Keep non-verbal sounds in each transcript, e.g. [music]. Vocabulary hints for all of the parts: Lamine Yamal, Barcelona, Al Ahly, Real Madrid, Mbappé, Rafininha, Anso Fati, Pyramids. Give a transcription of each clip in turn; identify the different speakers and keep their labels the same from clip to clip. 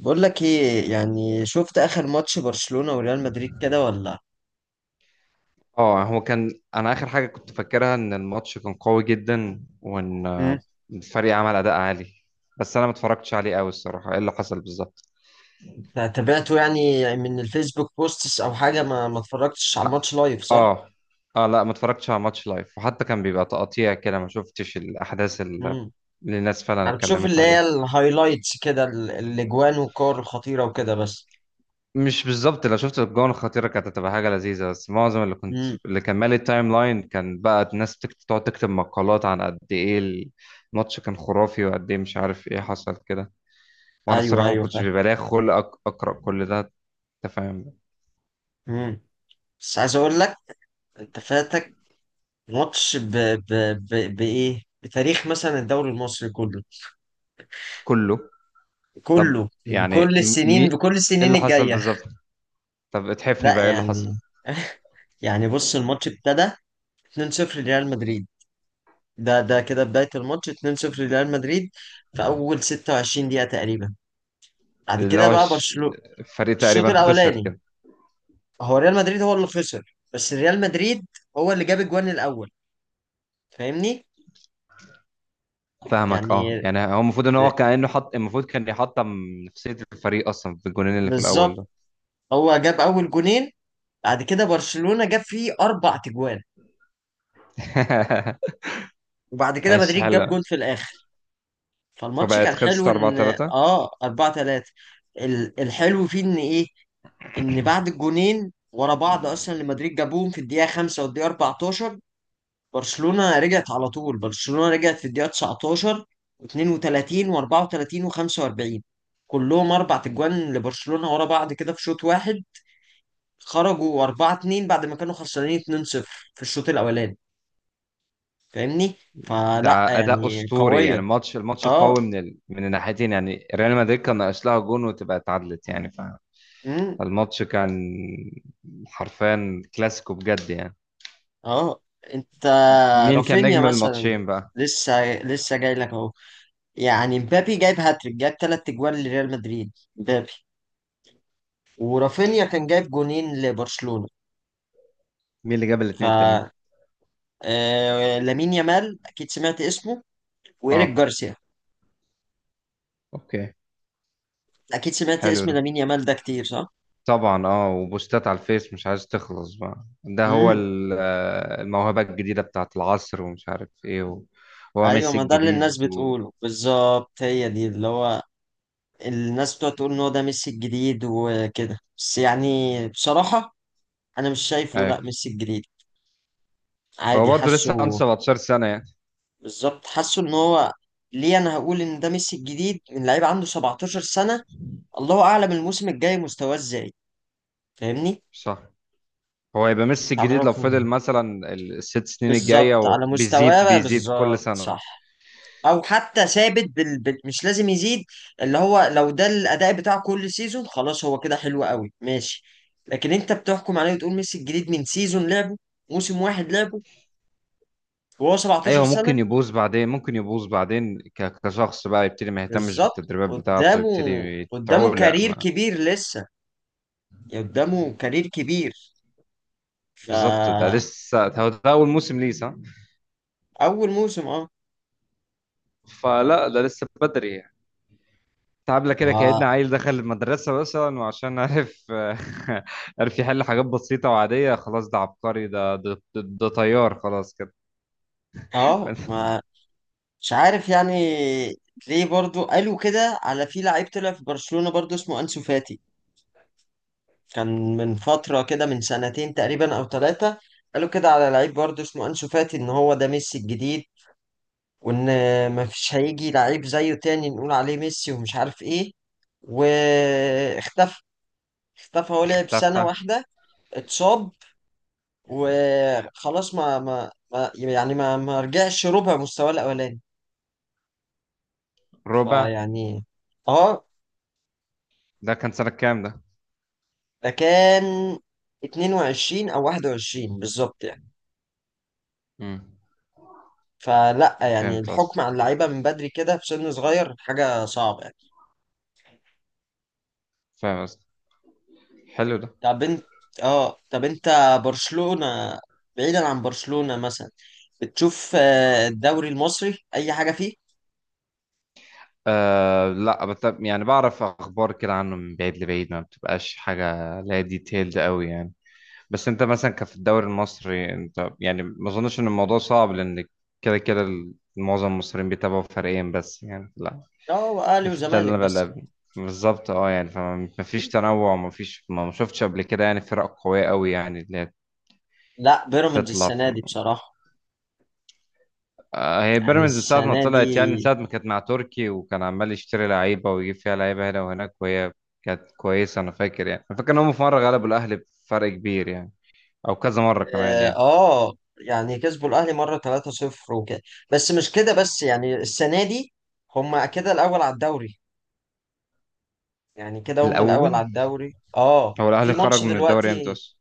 Speaker 1: بقول لك ايه؟ يعني شفت اخر ماتش برشلونة وريال مدريد كده ولا؟
Speaker 2: اه، هو كان انا اخر حاجه كنت فاكرها ان الماتش كان قوي جدا، وان
Speaker 1: مم.
Speaker 2: الفريق عمل اداء عالي. بس انا ما اتفرجتش عليه قوي الصراحه، ايه اللي حصل بالظبط؟
Speaker 1: تابعته يعني من الفيسبوك بوستس او حاجة، ما اتفرجتش على
Speaker 2: ح-
Speaker 1: الماتش لايف، صح؟
Speaker 2: اه. اه، لا ما اتفرجتش على ماتش لايف، وحتى كان بيبقى تقطيع كده، ما شفتش الاحداث
Speaker 1: امم.
Speaker 2: اللي الناس فعلا
Speaker 1: انا بشوف
Speaker 2: اتكلمت
Speaker 1: اللي هي
Speaker 2: عليها.
Speaker 1: الهايلايتس كده، الاجوان والكور الخطيرة وكده بس.
Speaker 2: مش بالظبط، لو شفت الجون الخطيره كانت هتبقى حاجه لذيذه، بس معظم
Speaker 1: امم.
Speaker 2: اللي كان مالي التايم لاين كان بقى الناس تقعد تكتب مقالات عن قد ايه الماتش كان خرافي، وقد ايه مش عارف ايه حصل كده. وانا
Speaker 1: ايوه،
Speaker 2: الصراحه ما
Speaker 1: ايوه،
Speaker 2: كنتش
Speaker 1: فاهم.
Speaker 2: بيبقى ليا خلق اقرا كل ده. انت فاهم.
Speaker 1: امم. بس عايز اقول لك، انت فاتك ماتش ب... بايه؟ بتاريخ مثلا الدوري المصري كله،
Speaker 2: كله. طب
Speaker 1: كله،
Speaker 2: يعني
Speaker 1: بكل
Speaker 2: مي
Speaker 1: السنين،
Speaker 2: ايه
Speaker 1: بكل السنين
Speaker 2: اللي حصل
Speaker 1: الجاية.
Speaker 2: بالظبط؟ طب اتحفني
Speaker 1: لا
Speaker 2: بقى، ايه اللي حصل؟
Speaker 1: يعني [laughs] يعني بص، الماتش ابتدى 2-0 لريال مدريد. ده كده بداية الماتش، 2-0 لريال مدريد في أول 26 دقيقة تقريبا. بعد
Speaker 2: اللي
Speaker 1: كده
Speaker 2: هو
Speaker 1: بقى برشلونة
Speaker 2: الفريق
Speaker 1: الشوط
Speaker 2: تقريبا خسر
Speaker 1: الأولاني.
Speaker 2: كده.
Speaker 1: هو ريال مدريد هو اللي خسر، بس ريال مدريد هو اللي جاب الجوان الأول، فاهمني؟
Speaker 2: فاهمك، اه،
Speaker 1: يعني
Speaker 2: يعني هو المفروض ان هو
Speaker 1: ر-
Speaker 2: كانه حط، المفروض كان يحطم نفسيه الفريق اصلا في الجونين اللي في الاول
Speaker 1: بالظبط،
Speaker 2: ده.
Speaker 1: هو جاب أول جونين، بعد كده برشلونة جاب فيه أربع تجوان،
Speaker 2: [laughs]
Speaker 1: وبعد كده
Speaker 2: ماشي،
Speaker 1: مدريد
Speaker 2: حلو.
Speaker 1: جاب جون في الآخر. فالماتش
Speaker 2: فبقت
Speaker 1: كان حلو،
Speaker 2: خلصت 4
Speaker 1: إن
Speaker 2: 3
Speaker 1: 4-3. الحلو فيه إن إيه؟ ان بعد الجونين ورا بعض اصلا اللي مدريد جابوهم في الدقيقه 5 والدقيقه 14، برشلونه رجعت على طول، برشلونه رجعت في الدقيقه 19 و32 و34 و45، كلهم اربع تجوان لبرشلونه ورا بعض كده في شوط واحد. خرجوا 4-2 بعد ما كانوا خسرانين 2-0 في الشوط الاولاني، فاهمني؟ فلا
Speaker 2: ده اداء
Speaker 1: يعني،
Speaker 2: اسطوري
Speaker 1: قويه.
Speaker 2: يعني، الماتش قوي
Speaker 1: اه.
Speaker 2: من الناحيتين، يعني ريال مدريد كان ناقص لها جون وتبقى اتعادلت يعني. ف
Speaker 1: امم.
Speaker 2: الماتش كان حرفيا كلاسيكو بجد يعني.
Speaker 1: اه. انت.
Speaker 2: مين كان
Speaker 1: رافينيا
Speaker 2: نجم
Speaker 1: مثلا،
Speaker 2: الماتشين بقى؟
Speaker 1: لسه لسه جاي لك اهو. يعني مبابي جايب هاتريك، جايب ثلاث اجوان لريال مدريد، مبابي. ورافينيا كان جايب جونين لبرشلونة.
Speaker 2: مين اللي جاب
Speaker 1: ف
Speaker 2: الاتنين التانيين؟
Speaker 1: لامين يامال، اكيد سمعت اسمه، وايريك
Speaker 2: اه.
Speaker 1: جارسيا.
Speaker 2: اوكي،
Speaker 1: اكيد سمعت
Speaker 2: حلو
Speaker 1: اسم
Speaker 2: ده.
Speaker 1: لامين يامال ده كتير، صح؟
Speaker 2: طبعا، اه، وبوستات على الفيس مش عايز تخلص بقى، ده هو
Speaker 1: امم.
Speaker 2: الموهبة الجديدة بتاعت العصر ومش عارف ايه. هو
Speaker 1: ايوه،
Speaker 2: ميسي
Speaker 1: ما ده اللي الناس
Speaker 2: الجديد.
Speaker 1: بتقوله بالظبط، هي دي اللي هو، الناس بتقعد تقول ان هو ده ميسي الجديد وكده بس، يعني بصراحة انا مش شايفه لا
Speaker 2: ايوه،
Speaker 1: ميسي الجديد،
Speaker 2: هو
Speaker 1: عادي.
Speaker 2: برضه لسه عنده
Speaker 1: حاسه
Speaker 2: 17 سنة يعني.
Speaker 1: بالظبط، حاسه ان هو، ليه انا هقول ان ده ميسي الجديد من لعيب عنده 17 سنة؟ الله اعلم الموسم الجاي مستواه ازاي، فاهمني؟
Speaker 2: صح. هو يبقى ميسي
Speaker 1: مش
Speaker 2: الجديد لو
Speaker 1: عرفني.
Speaker 2: فضل مثلا الست سنين الجاية
Speaker 1: بالظبط، على مستواه
Speaker 2: وبيزيد
Speaker 1: بقى،
Speaker 2: بيزيد كل
Speaker 1: بالظبط
Speaker 2: سنة.
Speaker 1: صح. او حتى ثابت مش لازم يزيد، اللي هو لو ده الاداء بتاعه كل سيزون، خلاص هو كده حلو قوي، ماشي. لكن انت بتحكم عليه وتقول ميسي الجديد من سيزون لعبه، موسم واحد لعبه، وهو 17
Speaker 2: ايوه،
Speaker 1: سنة.
Speaker 2: ممكن يبوظ بعدين، ممكن يبوظ بعدين، كشخص بقى يبتدي ما يهتمش
Speaker 1: بالظبط،
Speaker 2: بالتدريبات بتاعته،
Speaker 1: قدامه.
Speaker 2: يبتدي
Speaker 1: قدامه
Speaker 2: تعولق
Speaker 1: كارير
Speaker 2: ما...
Speaker 1: كبير لسه، يعني قدامه كارير كبير.
Speaker 2: بالظبط، ده
Speaker 1: فأول
Speaker 2: لسه هو ده اول موسم ليه، صح.
Speaker 1: موسم، اه.
Speaker 2: فلا ده لسه بدري يعني. تعبنا كده، كأن
Speaker 1: و-
Speaker 2: عيل دخل المدرسة مثلا وعشان عرف [laughs] عرف يحل حاجات بسيطة وعادية، خلاص ده عبقري، ده طيار خلاص كده.
Speaker 1: اه،
Speaker 2: [laughs]
Speaker 1: ما مش عارف يعني. ليه برضو قالوا كده على في لعيب طلع في برشلونة برضو اسمه أنسو فاتي، كان من فترة كده، من سنتين تقريبا أو ثلاثة. قالوا كده على لعيب برضو اسمه أنسو فاتي إن هو ده ميسي الجديد، وإن مفيش هيجي لعيب زيه تاني نقول عليه ميسي ومش عارف إيه، واختفى. اختفى، هو لعب سنة
Speaker 2: تفه.
Speaker 1: واحدة، اتصاب، وخلاص ما يعني ما رجعش ربع مستواه الاولاني،
Speaker 2: ربع.
Speaker 1: فيعني اه.
Speaker 2: ده كان سنة كام ده؟
Speaker 1: ده كان 22 او 21 بالظبط يعني.
Speaker 2: مم.
Speaker 1: فلا يعني
Speaker 2: فهمت قصدي.
Speaker 1: الحكم على اللعيبه من بدري كده، في سن صغير، حاجه صعبه يعني.
Speaker 2: فاهم قصدي. حلو ده.
Speaker 1: طب انت اه طب انت برشلونه، بعيدا عن برشلونه مثلا، بتشوف الدوري المصري اي حاجه فيه؟
Speaker 2: أه، لا يعني بعرف اخبار كده عنه من بعيد لبعيد، ما بتبقاش حاجه لا ديتيلد قوي يعني. بس انت مثلا كفي الدوري المصري، انت يعني ما اظنش ان الموضوع صعب، لان كده كده معظم المصريين بيتابعوا فريقين بس يعني، لا.
Speaker 1: اه، واهلي
Speaker 2: ده في ده
Speaker 1: وزمالك بس.
Speaker 2: بالظبط، اه، يعني فما ما فيش تنوع، ما فيش، ما شفتش قبل كده يعني فرق قوية قوي، يعني اللي هي
Speaker 1: لا، بيراميدز
Speaker 2: تطلع.
Speaker 1: السنه دي بصراحه،
Speaker 2: هي
Speaker 1: يعني
Speaker 2: بيراميدز من ساعة ما
Speaker 1: السنه
Speaker 2: طلعت يعني، من
Speaker 1: دي.
Speaker 2: ساعة ما كانت مع تركي، وكان عمال يشتري لعيبة ويجيب فيها لعيبة هنا وهناك، وهي كانت كويسة. أنا فاكر يعني، أنا فاكر إن هم في مرة غلبوا الأهلي بفرق كبير يعني، أو كذا مرة كمان يعني.
Speaker 1: يعني كسبوا الاهلي مره 3-0 وكده، بس مش كده بس، يعني السنه دي هم كده الاول على الدوري. يعني كده هم الاول
Speaker 2: الأول.
Speaker 1: على الدوري، اه،
Speaker 2: هو الأهلي
Speaker 1: في
Speaker 2: خرج
Speaker 1: ماتش
Speaker 2: من الدوري إمتى
Speaker 1: دلوقتي.
Speaker 2: أصلا؟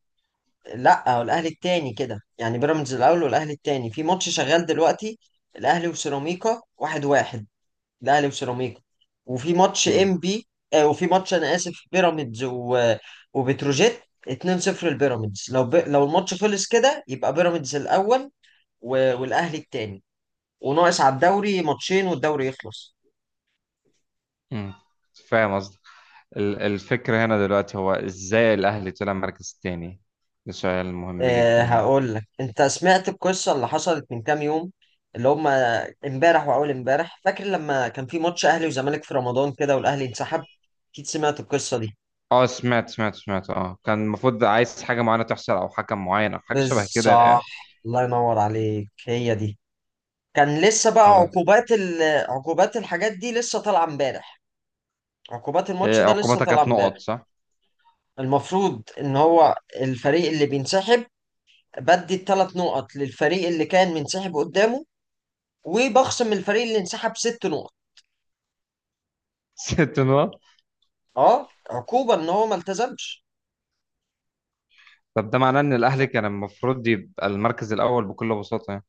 Speaker 1: لا، هو الاهلي التاني كده، يعني بيراميدز الاول والاهلي التاني في ماتش شغال دلوقتي. الاهلي وسيراميكا واحد واحد، الاهلي وسيراميكا. وفي ماتش ام
Speaker 2: مم.
Speaker 1: بي وفي ماتش، انا اسف، بيراميدز وبتروجيت 2-0 لبيراميدز. لو لو الماتش خلص كده يبقى بيراميدز الاول والاهلي التاني. وناقص على الدوري ماتشين والدوري يخلص.
Speaker 2: مم. فاهم قصدي. الفكرة هنا دلوقتي هو إزاي الأهلي طلع مركز تاني. ده سؤال مهم
Speaker 1: أه،
Speaker 2: جدا.
Speaker 1: هقول لك، انت سمعت القصه اللي حصلت من كام يوم؟ اللي هم امبارح واول امبارح، فاكر لما كان في ماتش اهلي وزمالك في رمضان كده والاهلي انسحب؟ اكيد سمعت القصه دي.
Speaker 2: اه، سمعت سمعت سمعت، اه، كان المفروض عايز حاجة معينة تحصل، أو حكم معين أو حاجة
Speaker 1: بس
Speaker 2: شبه كده
Speaker 1: صح،
Speaker 2: يعني.
Speaker 1: الله ينور عليك، هي دي. كان لسه بقى
Speaker 2: خلاص.
Speaker 1: عقوبات عقوبات الحاجات دي لسه طالعه امبارح، عقوبات الماتش
Speaker 2: إيه،
Speaker 1: ده لسه
Speaker 2: عقوبتها
Speaker 1: طالعه
Speaker 2: كانت نقط
Speaker 1: امبارح.
Speaker 2: صح؟
Speaker 1: المفروض ان هو الفريق اللي بينسحب بدي الثلاث نقط للفريق اللي كان منسحب قدامه، وبخصم الفريق اللي انسحب ست نقط،
Speaker 2: [laughs] ست نقط.
Speaker 1: اه، عقوبة ان هو ما التزمش.
Speaker 2: طب ده معناه ان
Speaker 1: ف-
Speaker 2: الاهلي كان المفروض يبقى المركز الاول بكل بساطه يعني.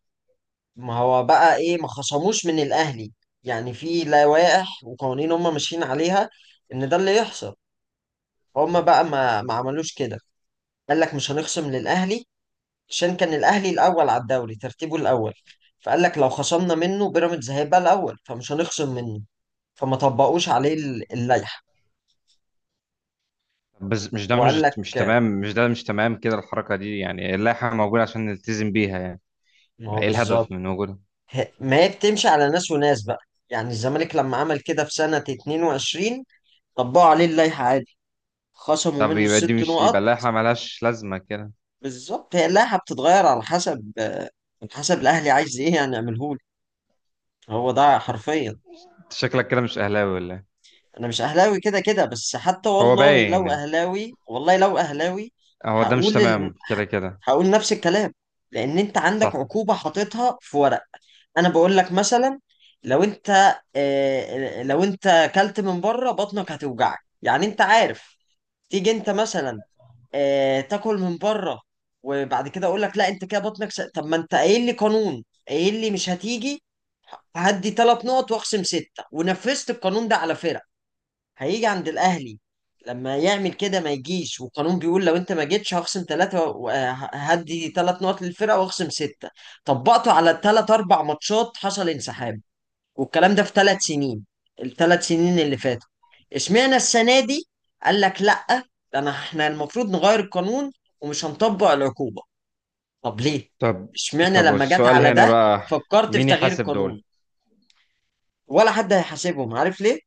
Speaker 1: ما هو بقى ايه، ما خصموش من الاهلي. يعني في لوائح وقوانين هم ماشيين عليها ان ده اللي يحصل، هم بقى ما عملوش كده. قال لك مش هنخصم للاهلي عشان كان الاهلي الاول على الدوري، ترتيبه الاول، فقال لك لو خصمنا منه بيراميدز هيبقى الاول، فمش هنخصم منه. فما طبقوش عليه اللائحة.
Speaker 2: بس مش ده،
Speaker 1: وقال لك،
Speaker 2: مش تمام، مش ده مش تمام كده الحركه دي يعني، اللائحه موجوده عشان نلتزم بيها يعني،
Speaker 1: ما هو
Speaker 2: ايه
Speaker 1: بالظبط،
Speaker 2: الهدف من وجودها.
Speaker 1: ما هي بتمشي على ناس وناس بقى. يعني الزمالك لما عمل كده في سنة 22، طبقوا عليه اللائحة عادي، خصموا
Speaker 2: طب،
Speaker 1: منه
Speaker 2: يبقى دي
Speaker 1: الست
Speaker 2: مش، يبقى
Speaker 1: نقط.
Speaker 2: اللائحه ملهاش لازمه كده.
Speaker 1: بالظبط، هي اللائحة بتتغير على حسب الأهلي عايز إيه، يعني يعملهولي. هو ده حرفيا.
Speaker 2: أنت شكلك كده مش اهلاوي ولا إيه؟
Speaker 1: أنا مش أهلاوي كده كده، بس حتى
Speaker 2: هو
Speaker 1: والله
Speaker 2: باين
Speaker 1: لو
Speaker 2: يعني.
Speaker 1: أهلاوي، والله لو أهلاوي
Speaker 2: هو ده مش
Speaker 1: هقول ال...
Speaker 2: تمام
Speaker 1: ه-
Speaker 2: كده كده.
Speaker 1: هقول نفس الكلام، لأن أنت عندك
Speaker 2: صح.
Speaker 1: عقوبة حاططها في ورق. انا بقول لك مثلا، لو انت، لو انت اكلت من بره بطنك هتوجعك، يعني انت عارف. تيجي انت مثلا تاكل من بره، وبعد كده اقول لك لا انت كده بطنك طب ما انت قايل لي قانون، قايل لي مش هتيجي، هدي ثلاث نقط واخصم سته، ونفذت القانون ده على فرق، هيجي عند الاهلي لما يعمل كده ما يجيش، والقانون بيقول لو انت ما جيتش هخصم ثلاثه وهدي ثلاث نقط للفرقه واخصم سته. طبقته على ثلاث اربع ماتشات حصل انسحاب، والكلام ده في ثلاث سنين، الثلاث سنين اللي فاتوا. اشمعنى السنه دي قال لك لا، احنا المفروض نغير القانون ومش هنطبق العقوبه؟ طب ليه؟
Speaker 2: طب
Speaker 1: اشمعنى
Speaker 2: طب
Speaker 1: لما جت
Speaker 2: السؤال
Speaker 1: على
Speaker 2: هنا
Speaker 1: ده
Speaker 2: بقى،
Speaker 1: فكرت في
Speaker 2: مين
Speaker 1: تغيير
Speaker 2: يحاسب
Speaker 1: القانون؟
Speaker 2: دول؟
Speaker 1: ولا حد هيحاسبهم، عارف ليه؟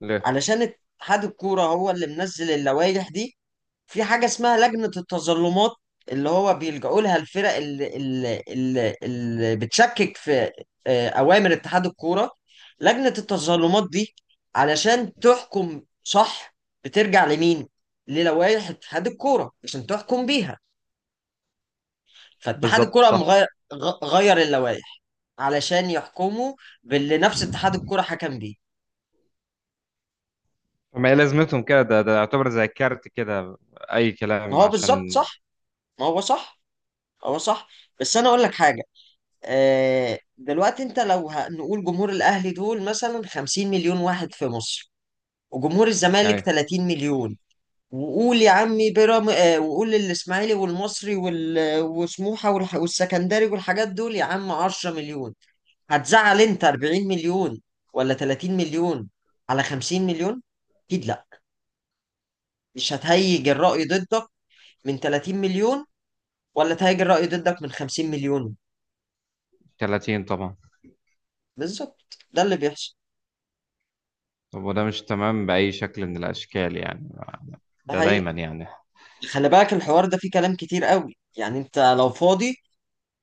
Speaker 2: ليه؟
Speaker 1: علشان اتحاد الكوره هو اللي منزل اللوائح دي. في حاجة اسمها لجنة التظلمات، اللي هو بيلجأوا لها الفرق اللي بتشكك في أوامر اتحاد الكورة. لجنة التظلمات دي علشان تحكم صح بترجع لمين؟ للوائح اتحاد الكورة عشان تحكم بيها. فاتحاد
Speaker 2: بالظبط،
Speaker 1: الكورة قام
Speaker 2: صح.
Speaker 1: غير غير اللوائح علشان يحكموا باللي نفس اتحاد الكورة حكم بيه.
Speaker 2: ما هي لازمتهم كده، ده يعتبر زي كارت كده، اي
Speaker 1: ما
Speaker 2: كلام
Speaker 1: هو بالظبط
Speaker 2: عشان...
Speaker 1: صح، ما هو صح، هو صح. بس أنا أقول لك حاجة، دلوقتي انت لو نقول جمهور الاهلي دول مثلا 50 مليون واحد في مصر، وجمهور الزمالك
Speaker 2: أيوة.
Speaker 1: 30 مليون، وقول يا عمي بيرام، وقول الاسماعيلي والمصري وسموحه والسكندري والحاجات دول يا عم 10 مليون، هتزعل انت 40 مليون ولا 30 مليون على 50 مليون؟ اكيد لا، مش هتهيج الرأي ضدك من 30 مليون ولا تهيج الرأي ضدك من 50 مليون.
Speaker 2: 30 طبعا.
Speaker 1: بالظبط، ده اللي بيحصل،
Speaker 2: طب، وده مش تمام بأي شكل من الأشكال يعني،
Speaker 1: ده
Speaker 2: ده
Speaker 1: حقيقي.
Speaker 2: دايما يعني.
Speaker 1: خلي بالك الحوار ده فيه كلام كتير قوي، يعني انت لو فاضي،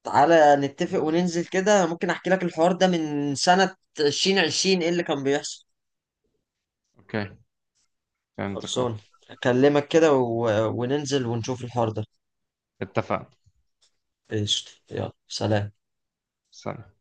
Speaker 1: تعالى نتفق وننزل كده، ممكن احكي لك الحوار ده من سنة 2020 ايه اللي كان بيحصل.
Speaker 2: أوكي. فهمتك، أه.
Speaker 1: خلصان، اكلمك كده وننزل ونشوف الحوار ده.
Speaker 2: اتفقنا.
Speaker 1: قشطة، يلا سلام.
Speaker 2: سلام.